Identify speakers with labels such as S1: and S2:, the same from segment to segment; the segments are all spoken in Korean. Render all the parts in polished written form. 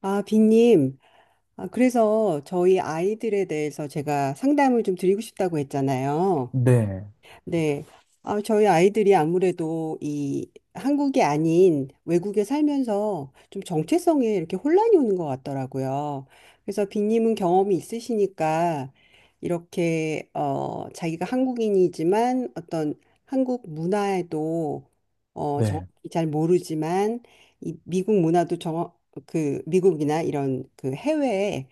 S1: 아, 빈님. 아, 그래서 저희 아이들에 대해서 제가 상담을 좀 드리고 싶다고 했잖아요.
S2: 네,
S1: 네. 아, 저희 아이들이 아무래도 이 한국이 아닌 외국에 살면서 좀 정체성에 이렇게 혼란이 오는 것 같더라고요. 그래서 빈님은 경험이 있으시니까 이렇게, 자기가 한국인이지만 어떤 한국 문화에도,
S2: 네,
S1: 정확히 잘 모르지만 이 미국 문화도 정확, 그 미국이나 이런 그 해외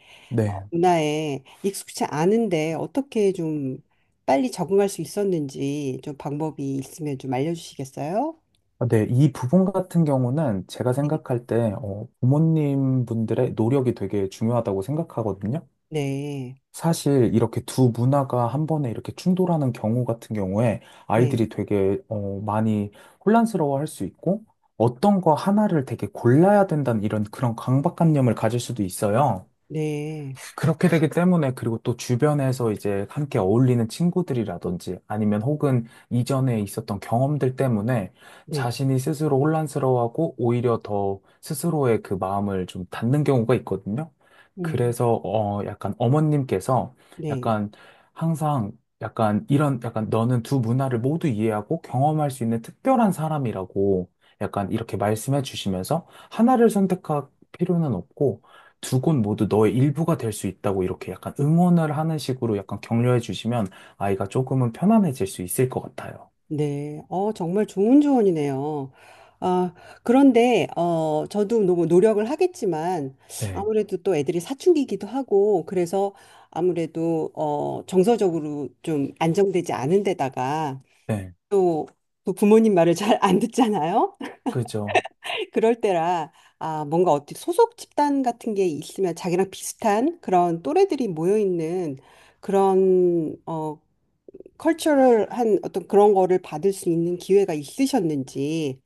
S2: 네.
S1: 문화에 익숙치 않은데 어떻게 좀 빨리 적응할 수 있었는지 좀 방법이 있으면 좀 알려주시겠어요?
S2: 아, 네, 이 부분 같은 경우는 제가
S1: 네.
S2: 생각할 때, 부모님 분들의 노력이 되게 중요하다고 생각하거든요.
S1: 네,
S2: 사실 이렇게 두 문화가 한 번에 이렇게 충돌하는 경우 같은 경우에
S1: 네,
S2: 아이들이 되게, 많이 혼란스러워 할 수 있고, 어떤 거 하나를 되게 골라야 된다는 이런 그런 강박관념을 가질 수도 있어요.
S1: 네,
S2: 그렇게 되기 때문에, 그리고 또 주변에서 이제 함께 어울리는 친구들이라든지 아니면 혹은 이전에 있었던 경험들 때문에
S1: 네,
S2: 자신이 스스로 혼란스러워하고 오히려 더 스스로의 그 마음을 좀 닫는 경우가 있거든요.
S1: 음,
S2: 그래서 약간 어머님께서
S1: 네,
S2: 약간 항상 약간 이런 약간 너는 두 문화를 모두 이해하고 경험할 수 있는 특별한 사람이라고 약간 이렇게 말씀해 주시면서, 하나를 선택할 필요는 없고 두 곳 모두 너의 일부가 될 수 있다고 이렇게 약간 응원을 하는 식으로 약간 격려해 주시면 아이가 조금은 편안해질 수 있을 것 같아요.
S1: 네. 어, 정말 좋은 조언이네요. 아, 그런데, 저도 너무 노력을 하겠지만,
S2: 네,
S1: 아무래도 또 애들이 사춘기이기도 하고, 그래서 아무래도, 정서적으로 좀 안정되지 않은 데다가,
S2: 네,
S1: 또, 또 부모님 말을 잘 안 듣잖아요?
S2: 그죠.
S1: 그럴 때라 아 뭔가 어디 소속 집단 같은 게 있으면 자기랑 비슷한 그런 또래들이 모여 있는 그런 컬처럴한 어떤 그런 거를 받을 수 있는 기회가 있으셨는지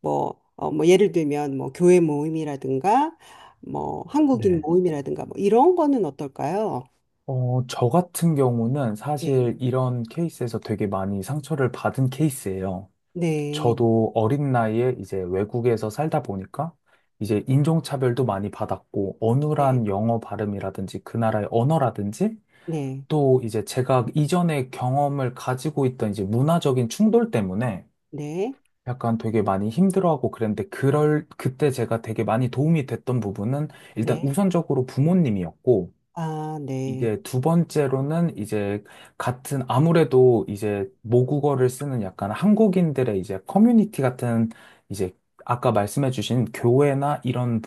S1: 뭐 뭐 예를 들면 뭐 교회 모임이라든가 뭐 한국인
S2: 네,
S1: 모임이라든가 뭐 이런 거는 어떨까요?
S2: 저 같은 경우는
S1: 네.
S2: 사실 이런 케이스에서 되게 많이 상처를 받은 케이스예요.
S1: 네.
S2: 저도 어린 나이에 이제 외국에서 살다 보니까 이제 인종차별도 많이 받았고, 어눌한 영어 발음이라든지 그 나라의 언어라든지
S1: 네.
S2: 또 이제 제가 이전에 경험을 가지고 있던 이제 문화적인 충돌 때문에
S1: 네.
S2: 약간 되게 많이 힘들어하고 그랬는데, 그럴 그때 제가 되게 많이 도움이 됐던 부분은 일단
S1: 네.
S2: 우선적으로 부모님이었고,
S1: 아, 네.
S2: 이게 두 번째로는 이제 같은, 아무래도 이제 모국어를 쓰는 약간 한국인들의 이제 커뮤니티 같은, 이제 아까 말씀해 주신 교회나 이런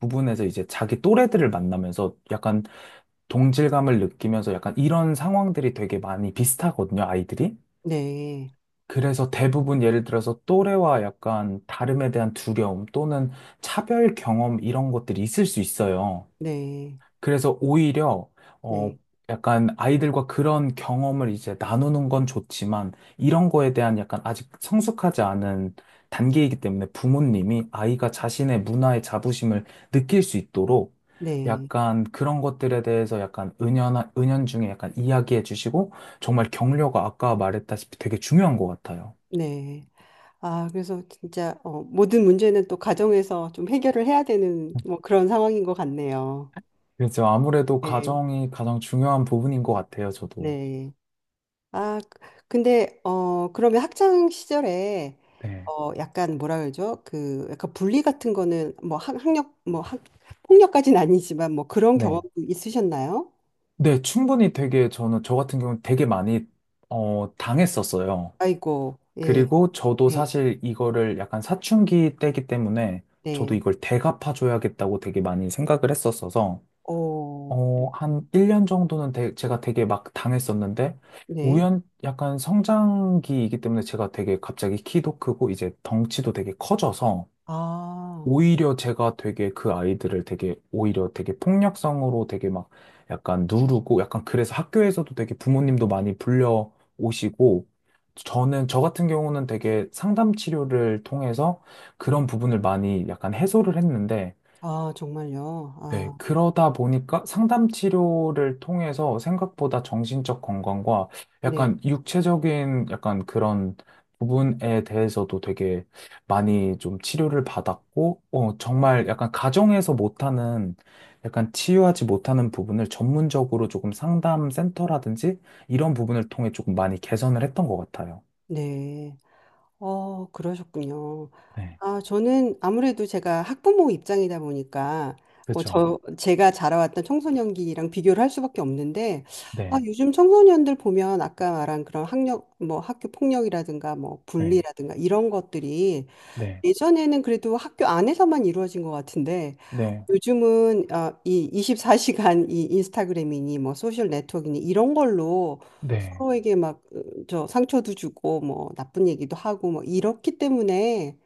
S2: 부분에서 이제 자기 또래들을 만나면서 약간 동질감을 느끼면서. 약간 이런 상황들이 되게 많이 비슷하거든요, 아이들이.
S1: 네.
S2: 그래서 대부분, 예를 들어서 또래와 약간 다름에 대한 두려움 또는 차별 경험, 이런 것들이 있을 수 있어요.
S1: 네.
S2: 그래서 오히려 어
S1: 네.
S2: 약간 아이들과 그런 경험을 이제 나누는 건 좋지만, 이런 거에 대한 약간 아직 성숙하지 않은 단계이기 때문에 부모님이 아이가 자신의 문화의 자부심을 느낄 수 있도록
S1: 네.
S2: 약간 그런 것들에 대해서 약간 은연한 은연중에 약간 이야기해 주시고 정말 격려가, 아까 말했다시피 되게 중요한 것 같아요.
S1: 네. 아, 그래서 진짜 어, 모든 문제는 또 가정에서 좀 해결을 해야 되는 뭐 그런 상황인 것 같네요.
S2: 그래서 아무래도
S1: 네.
S2: 가정이 가장 중요한 부분인 것 같아요, 저도.
S1: 네. 아, 근데 그러면 학창 시절에
S2: 네.
S1: 약간 뭐라 그러죠? 그 약간 분리 같은 거는 뭐 학, 학력 뭐 학, 폭력까지는 아니지만 뭐 그런
S2: 네.
S1: 경험도 있으셨나요?
S2: 네, 충분히 되게, 저는 저 같은 경우는 되게 많이 당했었어요.
S1: 아이고. 예.
S2: 그리고 저도
S1: 네.
S2: 사실 이거를 약간 사춘기 때기 때문에 저도
S1: 네.
S2: 이걸 대갚아줘야겠다고 되게 많이 생각을 했었어서,
S1: 어.
S2: 한 1년 정도는 제가 되게 막 당했었는데,
S1: 네.
S2: 우연 약간 성장기이기 때문에 제가 되게 갑자기 키도 크고 이제 덩치도 되게 커져서
S1: 아.
S2: 오히려 제가 되게 그 아이들을 되게 오히려 되게 폭력성으로 되게 막 약간 누르고 약간. 그래서 학교에서도 되게 부모님도 많이 불려 오시고. 저는 저 같은 경우는 되게 상담 치료를 통해서 그런 부분을 많이 약간 해소를 했는데.
S1: 아, 정말요.
S2: 네,
S1: 아.
S2: 그러다 보니까 상담 치료를 통해서 생각보다 정신적 건강과
S1: 네.
S2: 약간 육체적인 약간 그런 부분에 대해서도 되게 많이 좀 치료를 받았고, 정말 약간 가정에서 못하는, 약간 치유하지 못하는 부분을 전문적으로 조금 상담 센터라든지 이런 부분을 통해 조금 많이 개선을 했던 것 같아요.
S1: 네. 어, 그러셨군요.
S2: 네,
S1: 아, 저는 아무래도 제가 학부모 입장이다 보니까 뭐
S2: 그죠.
S1: 저 제가 자라왔던 청소년기랑 비교를 할 수밖에 없는데 아,
S2: 네,
S1: 요즘 청소년들 보면 아까 말한 그런 학력 뭐 학교 폭력이라든가 뭐
S2: 네,
S1: bully라든가 이런 것들이
S2: 네,
S1: 예전에는 그래도 학교 안에서만 이루어진 것 같은데
S2: 네,
S1: 요즘은 아, 이 24시간 이 인스타그램이니 뭐 소셜 네트워크니 이런 걸로
S2: 네,
S1: 서로에게 막 저 상처도 주고 뭐 나쁜 얘기도 하고 뭐 이렇기 때문에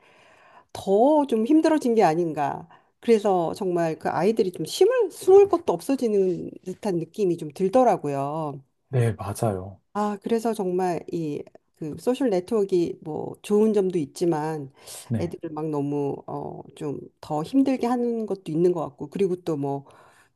S1: 더 좀 힘들어진 게 아닌가. 그래서 정말 그 아이들이 좀 심을 숨을 것도 없어지는 듯한 느낌이 좀 들더라고요.
S2: 네, 맞아요.
S1: 아, 그래서 정말 이 그 소셜 네트워크가 뭐 좋은 점도 있지만
S2: 네,
S1: 애들을 막 너무 좀 더 힘들게 하는 것도 있는 것 같고 그리고 또 뭐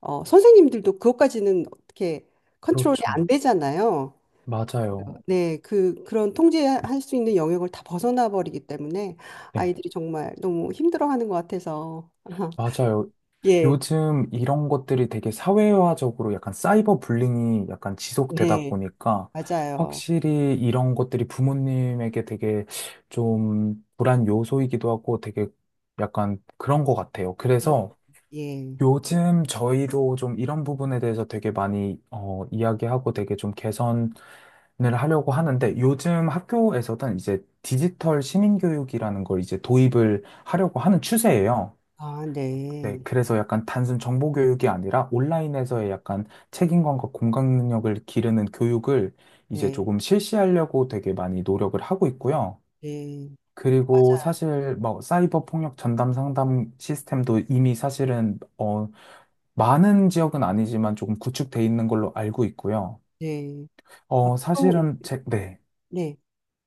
S1: 선생님들도 그것까지는 어떻게 컨트롤이 안
S2: 그렇죠.
S1: 되잖아요.
S2: 맞아요.
S1: 네, 그런 통제할 수 있는 영역을 다 벗어나 버리기 때문에
S2: 네,
S1: 아이들이 정말 너무 힘들어하는 것 같아서
S2: 맞아요.
S1: 예,
S2: 요즘 이런 것들이 되게 사회화적으로 약간 사이버 불링이 약간 지속되다
S1: 네,
S2: 보니까
S1: 맞아요.
S2: 확실히 이런 것들이 부모님에게 되게 좀 불안 요소이기도 하고 되게 약간 그런 것 같아요.
S1: 그렇-
S2: 그래서
S1: 예,
S2: 요즘 저희도 좀 이런 부분에 대해서 되게 많이 이야기하고 되게 좀 개선을 하려고 하는데, 요즘 학교에서는 이제 디지털 시민교육이라는 걸 이제 도입을 하려고 하는 추세예요.
S1: 아,
S2: 네,
S1: 네,
S2: 그래서 약간 단순 정보 교육이 아니라 온라인에서의 약간 책임감과 공감 능력을 기르는 교육을 이제
S1: 네,
S2: 조금 실시하려고 되게 많이 노력을 하고 있고요.
S1: 네,
S2: 그리고
S1: 맞아요.
S2: 사실 뭐 사이버 폭력 전담 상담 시스템도 이미 사실은 많은 지역은 아니지만 조금 구축돼 있는 걸로 알고 있고요.
S1: 네. 앞으로 예.
S2: 사실은 제, 네.
S1: 네.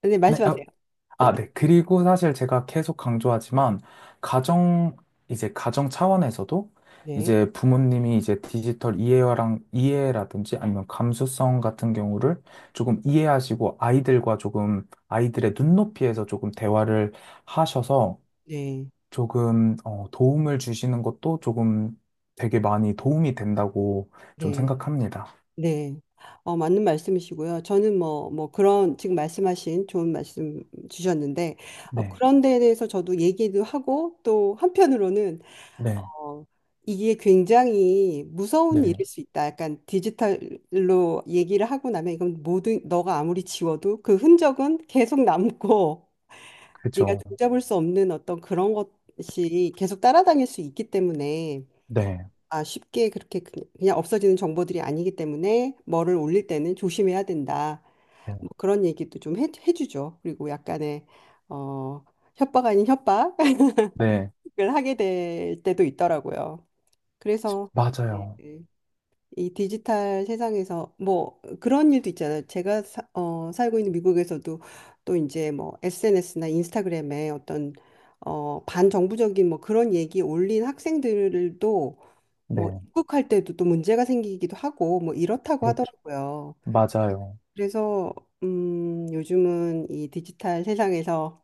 S1: 네,
S2: 네,
S1: 말씀하세요.
S2: 아, 네. 그리고 사실 제가 계속 강조하지만, 가정, 이제 가정 차원에서도,
S1: 네.
S2: 이제 부모님이 이제 디지털 이해라든지 아니면 감수성 같은 경우를 조금 이해하시고, 아이들과 조금, 아이들의 눈높이에서 조금 대화를 하셔서,
S1: 네.
S2: 조금, 도움을 주시는 것도 조금 되게 많이 도움이 된다고 좀
S1: 네.
S2: 생각합니다.
S1: 네. 어, 맞는 말씀이시고요. 저는 뭐, 뭐 그런 지금 말씀하신 좋은 말씀 주셨는데,
S2: 네.
S1: 그런 데에 대해서 저도 얘기도 하고, 또 한편으로는,
S2: 네.
S1: 어, 이게 굉장히 무서운
S2: 네.
S1: 일일 수 있다. 약간 디지털로 얘기를 하고 나면 이건 모든, 너가 아무리 지워도 그 흔적은 계속 남고, 네가
S2: 그죠.
S1: 종잡을 수 없는 어떤 그런 것이 계속 따라다닐 수 있기 때문에,
S2: 네.
S1: 아, 쉽게 그렇게 그- 그냥 없어지는 정보들이 아니기 때문에 뭐를 올릴 때는 조심해야 된다.
S2: 네.
S1: 뭐 그런 얘기도 좀 해, 해주죠. 그리고 약간의 어, 협박 아닌 협박을
S2: 네.
S1: 하게 될 때도 있더라고요. 그래서 네.
S2: 맞아요.
S1: 이 디지털 세상에서 뭐 그런 일도 있잖아요. 제가 사, 살고 있는 미국에서도 또 이제 뭐 SNS나 인스타그램에 어떤 반정부적인 뭐 그런 얘기 올린 학생들도 뭐
S2: 네.
S1: 입국할 때도 또 문제가 생기기도 하고 뭐 이렇다고
S2: 그렇-
S1: 하더라고요.
S2: 맞아요.
S1: 그래서 요즘은 이 디지털 세상에서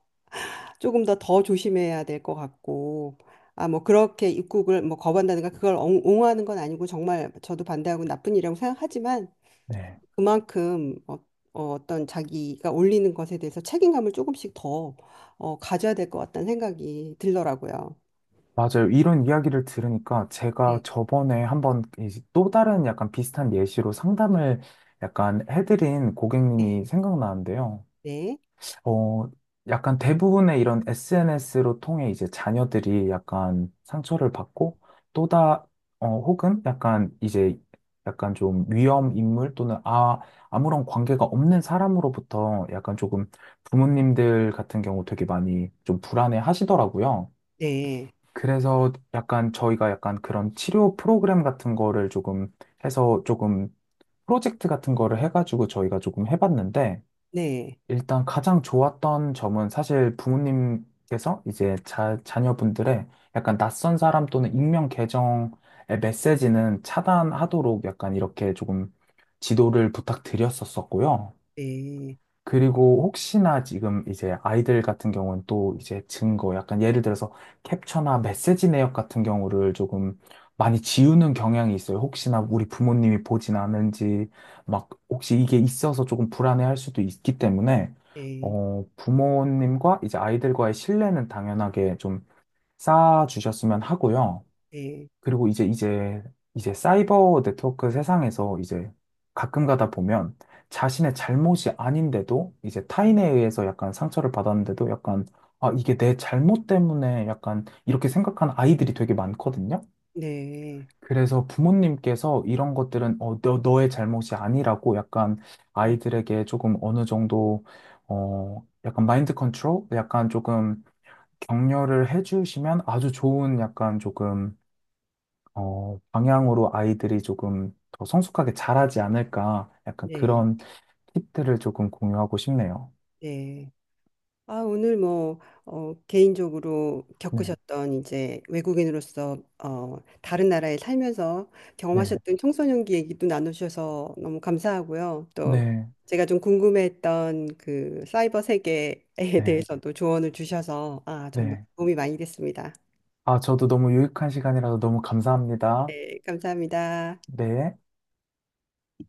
S1: 조금 더 더 조심해야 될 것 같고 아 뭐 그렇게 입국을 뭐 거부한다든가 그걸 옹- 옹호하는 건 아니고 정말 저도 반대하고 나쁜 일이라고 생각하지만
S2: 네.
S1: 그만큼 어떤 자기가 올리는 것에 대해서 책임감을 조금씩 더 가져야 될 것 같다는 생각이 들더라고요.
S2: 맞아요. 이런 이야기를 들으니까 제가
S1: 네,
S2: 저번에 한번 이제 또 다른 약간 비슷한 예시로 상담을 약간 해드린
S1: 네,
S2: 고객님이 생각나는데요.
S1: 네,
S2: 어, 약간 대부분의 이런 SNS로 통해 이제 자녀들이 약간 상처를 받고 또다, 혹은 약간 이제 약간 좀 위험 인물 또는 아, 아무런 관계가 없는 사람으로부터 약간 조금 부모님들 같은 경우 되게 많이 좀 불안해 하시더라고요.
S1: 네,
S2: 그래서 약간 저희가 약간 그런 치료 프로그램 같은 거를 조금 해서 조금 프로젝트 같은 거를 해가지고 저희가 조금 해봤는데,
S1: 네,
S2: 일단 가장 좋았던 점은 사실 부모님께서 이제 자녀분들의 약간 낯선 사람 또는 익명 계정의 메시지는 차단하도록 약간 이렇게 조금 지도를 부탁드렸었었고요.
S1: 네,
S2: 그리고 혹시나 지금 이제 아이들 같은 경우는 또 이제 증거, 약간 예를 들어서 캡처나 메시지 내역 같은 경우를 조금 많이 지우는 경향이 있어요. 혹시나 우리 부모님이 보진 않은지, 막 혹시 이게 있어서 조금 불안해할 수도 있기 때문에,
S1: 네,
S2: 부모님과 이제 아이들과의 신뢰는 당연하게 좀 쌓아주셨으면 하고요.
S1: 네,
S2: 그리고 이제 이제 사이버 네트워크 세상에서 이제 가끔 가다 보면 자신의 잘못이 아닌데도 이제
S1: 네,
S2: 타인에 의해서 약간 상처를 받았는데도 약간 아 이게 내 잘못 때문에 약간 이렇게 생각하는 아이들이 되게 많거든요.
S1: 네,
S2: 그래서 부모님께서 이런 것들은 너의 잘못이 아니라고 약간
S1: 음,
S2: 아이들에게 조금 어느 정도 약간 마인드 컨트롤, 약간 조금 격려를 해주시면 아주 좋은 약간 조금 방향으로 아이들이 조금 더 성숙하게 자라지 않을까, 약간
S1: 네,
S2: 그런 팁들을 조금 공유하고 싶네요.
S1: 네. 아, 오늘 뭐, 개인적으로
S2: 네,
S1: 겪으셨던 이제 외국인으로서, 다른 나라에 살면서
S2: 네,
S1: 경험하셨던 청소년기 얘기도 나누셔서 너무 감사하고요. 또
S2: 네,
S1: 제가 좀 궁금했던 그 사이버 세계에
S2: 네,
S1: 대해서도 조언을 주셔서, 아, 정말
S2: 네.
S1: 도움이 많이 됐습니다.
S2: 아, 저도 너무 유익한 시간이라서 너무 감사합니다.
S1: 네, 감사합니다.
S2: 네.